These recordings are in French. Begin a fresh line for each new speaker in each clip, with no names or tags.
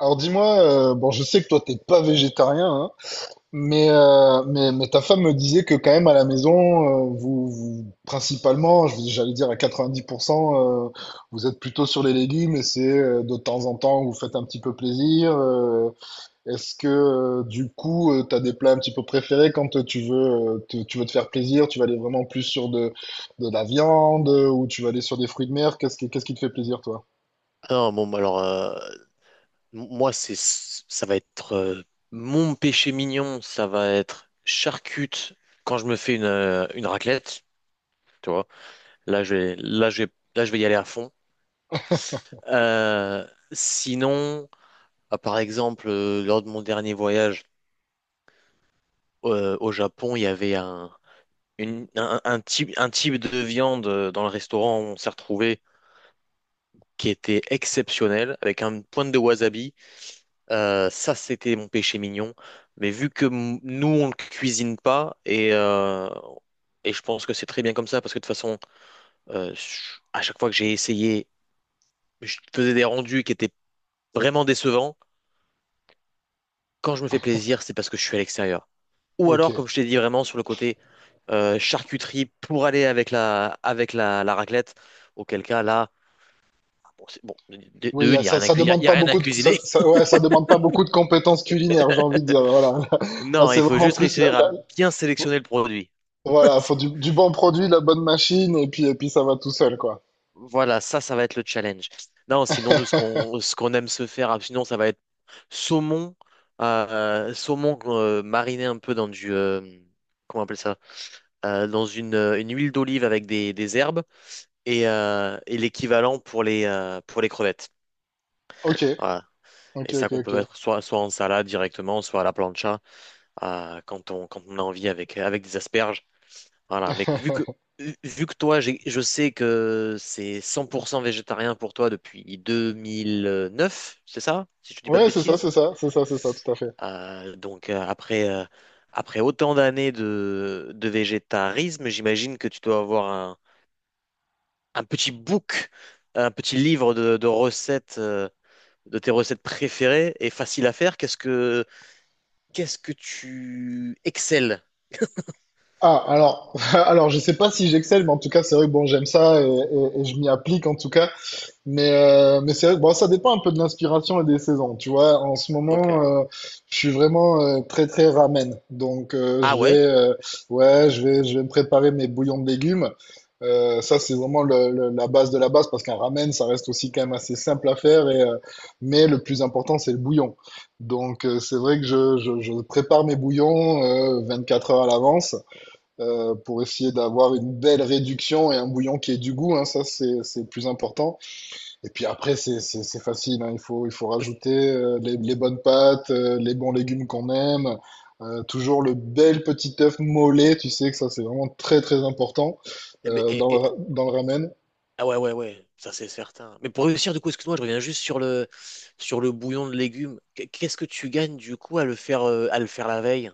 Alors dis-moi, bon, je sais que toi t'es pas végétarien, hein, mais, mais ta femme me disait que quand même à la maison, vous, vous principalement, j'allais dire à 90%, vous êtes plutôt sur les légumes et c'est de temps en temps vous faites un petit peu plaisir. Est-ce que du coup t'as des plats un petit peu préférés quand tu veux tu veux te faire plaisir, tu vas aller vraiment plus sur de la viande ou tu vas aller sur des fruits de mer? Qu'est-ce qui te fait plaisir toi?
Non, bon, bah alors, moi, c'est, ça va être mon péché mignon, ça va être charcute quand je me fais une raclette, tu vois. Là, je vais, là, je vais, là, je vais y aller à fond. Euh, sinon, ah, par exemple, lors de mon dernier voyage au Japon, il y avait un type, un type de viande dans le restaurant où on s'est retrouvé qui était exceptionnel, avec un pointe de wasabi. Ça, c'était mon péché mignon. Mais vu que nous, on ne cuisine pas, et je pense que c'est très bien comme ça, parce que de toute façon, à chaque fois que j'ai essayé, je faisais des rendus qui étaient vraiment décevants. Quand je me fais plaisir, c'est parce que je suis à l'extérieur. Ou
Ok.
alors, comme je t'ai dit, vraiment sur le côté charcuterie pour aller avec la raclette, auquel cas là, bon, de
Oui,
une, il n'y a
ça,
rien à
ça
cui- il
demande
y a
pas
rien à
beaucoup de, ça,
cuisiner.
ça- ouais, ça demande pas beaucoup de compétences culinaires, j'ai envie de dire. Voilà. Là,
Non,
c'est
il faut
vraiment
juste
plus
réussir à bien sélectionner le produit.
voilà, faut du bon produit, la bonne machine, et puis ça va tout seul, quoi.
Voilà, ça va être le challenge. Non, sinon, nous, ce qu'on aime se faire, ah, sinon, ça va être saumon, saumon mariné un peu dans du, comment on appelle ça? Dans une huile d'olive avec des herbes et et l'équivalent pour pour les crevettes.
Ok,
Voilà.
ok,
Et ça
ok,
qu'on peut
ok.
mettre soit en salade directement, soit à la plancha, quand on a envie avec des asperges. Voilà, mais vu que toi, je sais que c'est 100% végétarien pour toi depuis 2009, c'est ça? Si je ne dis pas de
Ouais, c'est ça,
bêtises.
c'est ça, c'est ça, c'est ça, tout à fait.
Donc, après, après autant d'années de végétarisme, j'imagine que tu dois avoir un petit book, un petit livre de recettes, de tes recettes préférées et faciles à faire. Qu'est-ce que tu excelles?
Ah, alors, alors, je sais pas si j'excelle, mais en tout cas, c'est vrai que bon, j'aime ça et je m'y applique en tout cas. Mais c'est vrai que, bon, ça dépend un peu de l'inspiration et des saisons. Tu vois, en ce
Ok.
moment, je suis vraiment très très ramen. Donc
Ah
je vais,
ouais?
ouais, je vais me préparer mes bouillons de légumes. Ça, c'est vraiment la base de la base parce qu'un ramen, ça reste aussi quand même assez simple à faire. Mais le plus important, c'est le bouillon. Donc c'est vrai que je prépare mes bouillons 24 heures à l'avance pour essayer d'avoir une belle réduction et un bouillon qui ait du goût. Hein, ça, c'est le plus important. Et puis après, c'est facile, hein. Il faut
Parce-
rajouter les bonnes pâtes, les bons légumes qu'on aime, toujours le bel petit œuf mollet, tu sais que ça c'est vraiment très très important
eh ben,
dans le,
Et,
dans le ramen.
Ah ouais, ouais, ouais, ça c'est certain. Mais pour réussir, du coup, excuse-moi, je reviens juste sur le bouillon de légumes. Qu'est-ce que tu gagnes, du coup, à le faire la veille?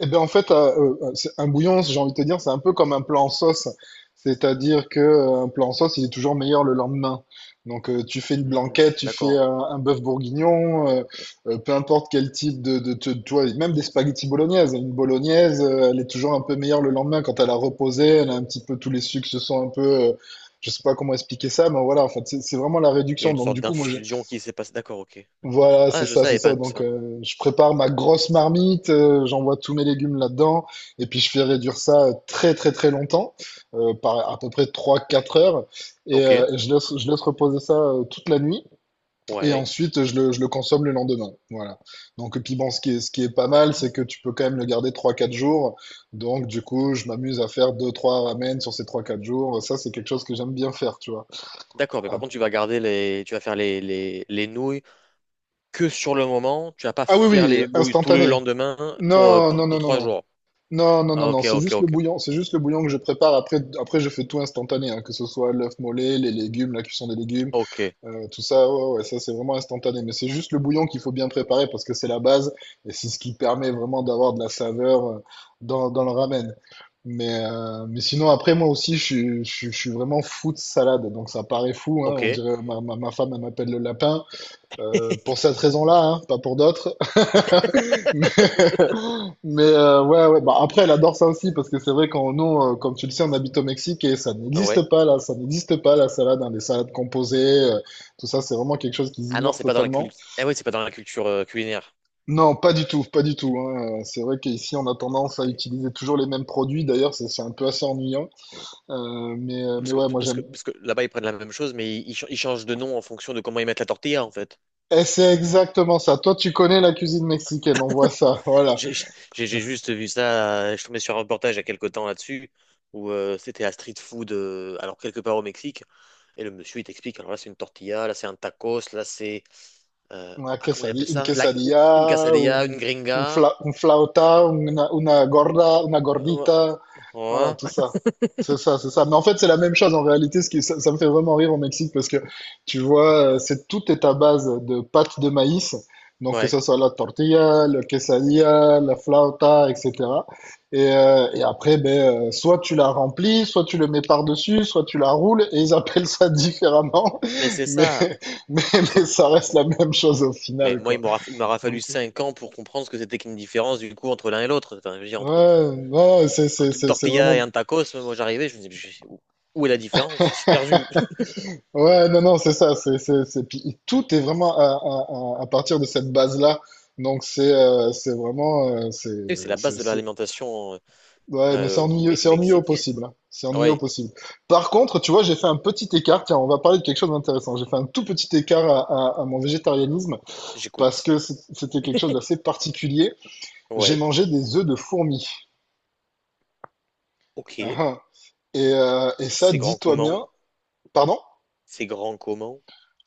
Eh ben en fait, c'est- un bouillon, j'ai envie de te dire, c'est un peu comme un plat en sauce. C'est-à-dire que un plat en sauce, il est toujours meilleur le lendemain. Donc, tu fais une
Hmm,
blanquette, tu fais
d'accord.
un bœuf bourguignon, peu importe quel type tu vois, même des spaghettis bolognaises. Une bolognaise, elle est toujours un peu meilleure le lendemain quand elle a reposé, elle a un petit peu tous les sucres se sont un peu, je sais pas comment expliquer ça, mais voilà, en fait, c'est vraiment la
Il y a
réduction.
une
Donc,
sorte
du coup,
d'infusion qui s'est passée. D'accord, ok.
voilà,
Ah,
c'est
je
ça, c'est
savais pas
ça.
tout
Donc,
ça.
je prépare ma grosse marmite, j'envoie tous mes légumes là-dedans, et puis je fais réduire ça très, très, très longtemps, par à peu près trois, quatre heures,
Ok,
et je laisse reposer ça toute la nuit, et
ouais.
ensuite je le consomme le lendemain. Voilà. Donc, et puis bon, ce qui est pas mal,
Hmm.
c'est que tu peux quand même le garder trois, quatre jours. Donc, du coup, je m'amuse à faire deux, trois ramen sur ces trois, quatre jours. Ça, c'est quelque chose que j'aime bien faire, tu vois.
D'accord, mais
Ah,
par contre, tu vas faire les nouilles que sur le moment. Tu vas pas
ah, oui,
faire
oui,
les nouilles tout le
instantané.
lendemain
Non, non,
pour
non, non,
trois
non.
jours.
Non, non, non,
Ah,
non,
ok,
c'est
ok,
juste le
ok.
bouillon, c'est juste le bouillon que je prépare. Après, après je fais tout instantané, hein, que ce soit l'œuf mollet, les légumes, la cuisson des légumes,
Ok,
tout ça, ouais, ouais, ça c'est vraiment instantané. Mais c'est juste le bouillon qu'il faut bien préparer parce que c'est la base et c'est ce qui permet vraiment d'avoir de la saveur dans le ramen. Mais sinon, après, moi aussi, je suis vraiment fou de salade, donc ça paraît fou, hein, on
ok.
dirait ma femme, elle m'appelle le lapin. Pour cette raison-là, hein, pas pour d'autres. Mais, ouais, ouais. Bah, après, elle adore ça aussi, parce que c'est vrai qu'on, nous, comme tu le sais, on habite au Mexique et ça
Ouais.
n'existe pas là, ça n'existe pas la salade, hein, les salades composées, euh, tout ça, c'est vraiment quelque chose qu'ils
Ah non,
ignorent
c'est pas dans la
totalement.
culture. Ah oui, c'est pas dans la culture culinaire.
Non, pas du tout, pas du tout, hein. C'est vrai qu'ici, on a tendance à
C'est-
utiliser toujours les mêmes produits. D'ailleurs, c'est un peu assez ennuyant. Mais ouais, moi j'aime.
Parce que là-bas, ils prennent la même chose, mais ils changent de nom en fonction de comment ils mettent la tortilla, en fait.
Et c'est exactement ça. Toi, tu connais la cuisine mexicaine, on voit ça. Voilà.
J'ai juste vu ça, je suis tombé sur un reportage il y a quelques temps là-dessus, où c'était à street food, alors quelque part au Mexique, et le monsieur, il t'explique, alors là, c'est une tortilla, là, c'est un tacos, là, c'est... ah, comment il appelait
Un
ça?
quesadilla,
Une quesadilla, une gringa.
un flauta, una gorda, una gordita.
Ouais.
Voilà,
Ouais.
tout ça. C'est ça, c'est ça. Mais en fait, c'est la même chose en réalité. Ça, ça me fait vraiment rire au Mexique parce que tu vois, c'est tout est à base de pâte de maïs. Donc, que
Ouais.
ce soit la tortilla, le quesadilla, la flauta, etc. Et après, ben, soit tu la remplis, soit tu le mets par-dessus, soit tu la roules, et ils appellent ça différemment.
Mais c'est
Mais,
ça.
mais,
Mais c'est-
mais ça reste la même chose au
Mais
final,
moi,
quoi.
il m'aura fallu
Donc,
5 ans pour comprendre ce que c'était qu'une différence du coup entre l'un et l'autre. Enfin, je veux dire, entre
ouais, ouais,
un truc
c'est
tortilla et
vraiment.
un tacos, moi j'arrivais, je me disais, où, où est la différence? Je suis perdu.
Ouais, non, non, c'est ça. C'est... puis tout est vraiment à partir de cette base-là. Donc, c'est vraiment.
Et c'est la base
C'est,
de
c'est-
l'alimentation
Ouais, mais c'est ennuyeux au
mexicaine.
possible, hein. C'est
Ah
ennuyeux au
ouais,
possible. Par contre, tu vois, j'ai fait un petit écart. Tiens, on va parler de quelque chose d'intéressant. J'ai fait un tout petit écart à mon végétarianisme parce
j'écoute.
que c'était quelque chose d'assez particulier. J'ai
Ouais,
mangé des œufs de fourmis. Ah,
ok.
ah. Et ça,
C'est grand
dis-toi
comment?
bien. Pardon?
C'est grand comment?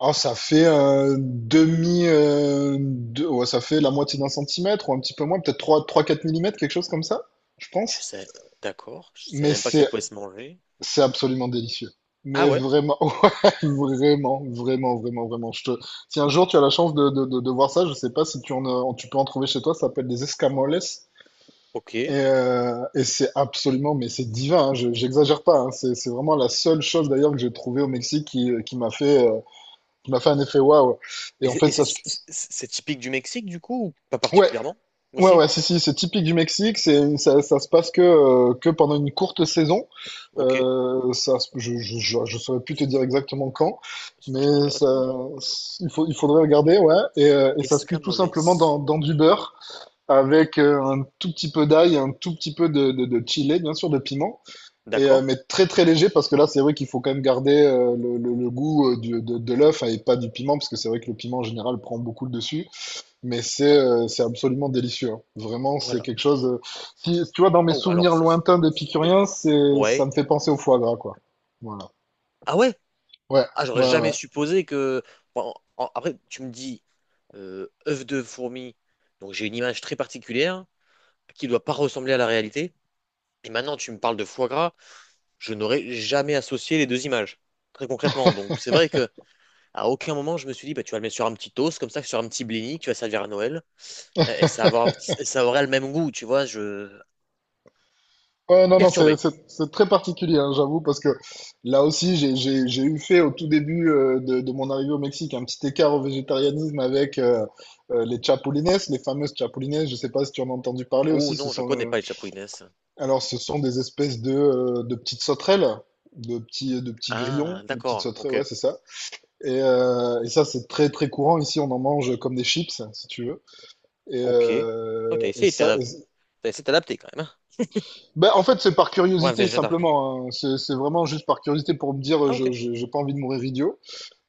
Oh, ça fait ouais, ça fait la moitié d'un centimètre ou un petit peu moins, peut-être trois trois quatre millimètres, quelque chose comme ça, je pense.
Je sais, d'accord. Je savais
Mais
même pas que ça
c'est,
pouvait se manger.
c'est absolument délicieux.
Ah
Mais
ouais,
vraiment, ouais, vraiment, vraiment, vraiment, vraiment. Je te... Si un jour tu as la chance de voir ça, je sais pas si tu en, tu peux en trouver chez toi, ça s'appelle des escamoles.
ok. Et
Et c'est absolument, mais c'est divin, hein, je, j'exagère pas, hein. C'est vraiment la seule chose d'ailleurs que j'ai trouvée au Mexique qui m'a fait un effet waouh. Et en fait, ça, se-
c'est typique du Mexique du coup ou pas
Ouais,
particulièrement?
ouais,
Aussi?
ouais, si, si, c'est typique du Mexique, c'est, ça se passe que pendant une courte saison.
Ok.
Je, je saurais plus te dire
C'est
exactement quand,
c'est vachement
mais
intéressant ça.
ça, il faudrait regarder, ouais. Et ça se cuit tout simplement
Escamoles.
dans du beurre, avec un tout petit peu d'ail, un tout petit peu de chili, bien sûr, de piment,
D'accord?
mais très très léger, parce que là, c'est vrai qu'il faut quand même garder le goût de l'œuf et pas du piment, parce que c'est vrai que le piment, en général, prend beaucoup le dessus. Mais c'est absolument délicieux, hein. Vraiment, c'est
Voilà.
quelque chose. Si tu vois, dans mes
Oh, alors
souvenirs
ça,
lointains
c'est...
d'épicurien, c'est ça me
Ouais.
fait penser au foie gras, quoi. Voilà.
Ah ouais?
Ouais,
Ah, j'aurais
ouais,
jamais
ouais.
supposé que... Bon, après, tu me dis, œuf de fourmi, donc j'ai une image très particulière qui doit pas ressembler à la réalité. Et maintenant, tu me parles de foie gras, je n'aurais jamais associé les deux images, très concrètement. Donc c'est vrai que à aucun moment, je me suis dit, bah, tu vas le mettre sur un petit toast, comme ça, sur un petit blini, que tu vas servir à Noël, et ça aurait le même goût, tu vois, je...
Ouais, non, non, c'est
Perturbé.
c'est c'est très particulier, hein, j'avoue, parce que là aussi, j'ai eu fait au tout début de mon arrivée au Mexique un petit écart au végétarianisme avec les chapulines, les fameuses chapulines. Je sais pas si tu en as entendu parler
Oh
aussi. Ce
non, je
sont
connais pas les Chapouines.
alors, ce sont des espèces de petites sauterelles, de petits
Ah,
grillons, de petites
d'accord,
sauterelles.
ok.
Ouais, c'est ça. Et ça, c'est très très courant. Ici, on en mange comme des chips, si tu veux. Et,
Ok. Oh,
euh,
t'as
et
essayé de
ça, et
t'adapter.
c'est-
T'as essayé de t'adapter quand même, hein,
ben, en fait, c'est par
pour un
curiosité
végétarien.
simplement, hein. C'est vraiment juste par curiosité pour me dire,
Ah, ok,
j'ai pas envie de mourir idiot.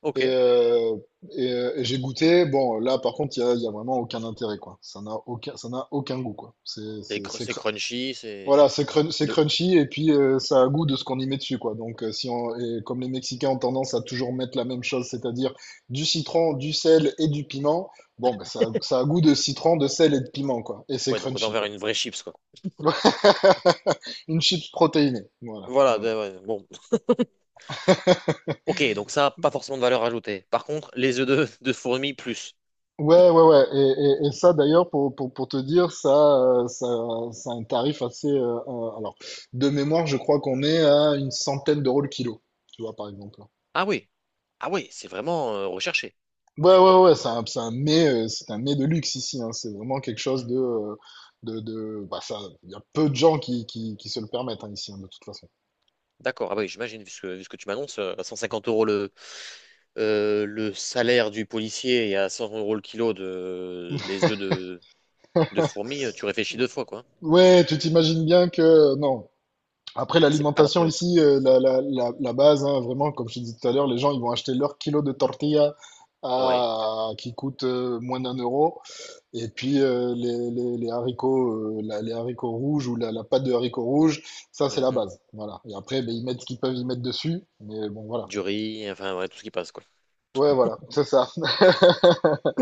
ok.
Et, euh, et j'ai goûté. Bon, là, par contre, il y a vraiment aucun intérêt, quoi. Ça n'a aucun goût, quoi. C'est
C'est crunchy,
Voilà,
c'est.
c'est
De...
crunchy et puis ça a goût de ce qu'on y met dessus, quoi. Donc, si on, et comme les Mexicains ont tendance à toujours mettre la même chose, c'est-à-dire du citron, du sel et du piment, bon, ben, ça a goût de citron, de sel et de piment, quoi. Et c'est
Ouais, donc on est
crunchy,
envers
quoi.
une vraie chips, quoi.
Une chips protéinée, voilà, voilà.
Ouais, bon. Ok, donc ça, pas forcément de valeur ajoutée. Par contre, les œufs de fourmi, plus.
Ouais, ouais, ouais. Et ça, d'ailleurs, pour te dire, ça, ça a un tarif assez. Alors, de mémoire, je crois qu'on est à une centaine d'euros le kilo, tu vois, par exemple.
Ah oui, ah oui, c'est vraiment recherché.
Ouais, ouais, ouais, c'est un mets de luxe ici, hein. C'est vraiment quelque chose de, de bah ça, il y a peu de gens qui se le permettent hein, ici, hein, de toute façon.
D'accord, ah oui, j'imagine, vu ce que tu m'annonces, à 150 euros le salaire du policier et à 100 euros le kilo les œufs de fourmis, tu réfléchis deux fois, quoi.
Ouais, tu t'imagines bien que non. Après
C'est pas la
l'alimentation
priorité.
ici, la base, hein, vraiment, comme je te disais tout à l'heure, les gens ils vont acheter leur kilo de tortilla
Ouais.
à, qui coûte moins d'un euro, et puis les haricots, les haricots rouges ou la pâte de haricots rouges, ça c'est la
Mhm.
base, voilà. Et après, ben, ils mettent ce qu'ils peuvent y mettre dessus, mais bon voilà.
Du riz, enfin, ouais, tout ce qui passe, quoi.
Ouais, voilà, c'est ça.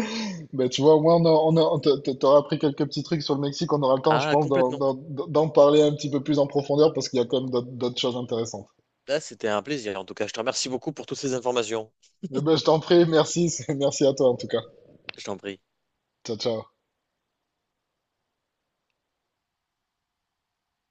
Ben, tu vois, au moins, on a, on a- on t'a- t'a- t'auras appris quelques petits trucs sur le Mexique. On aura le temps, je
Ah,
pense,
complètement.
d'en parler un petit peu plus en profondeur parce qu'il y a quand même d'autres choses intéressantes.
Là, c'était un plaisir. En tout cas, je te remercie beaucoup pour toutes ces informations.
Eh ben, je t'en prie, merci, merci à toi en tout cas.
Je t'en prie.
Ciao, ciao.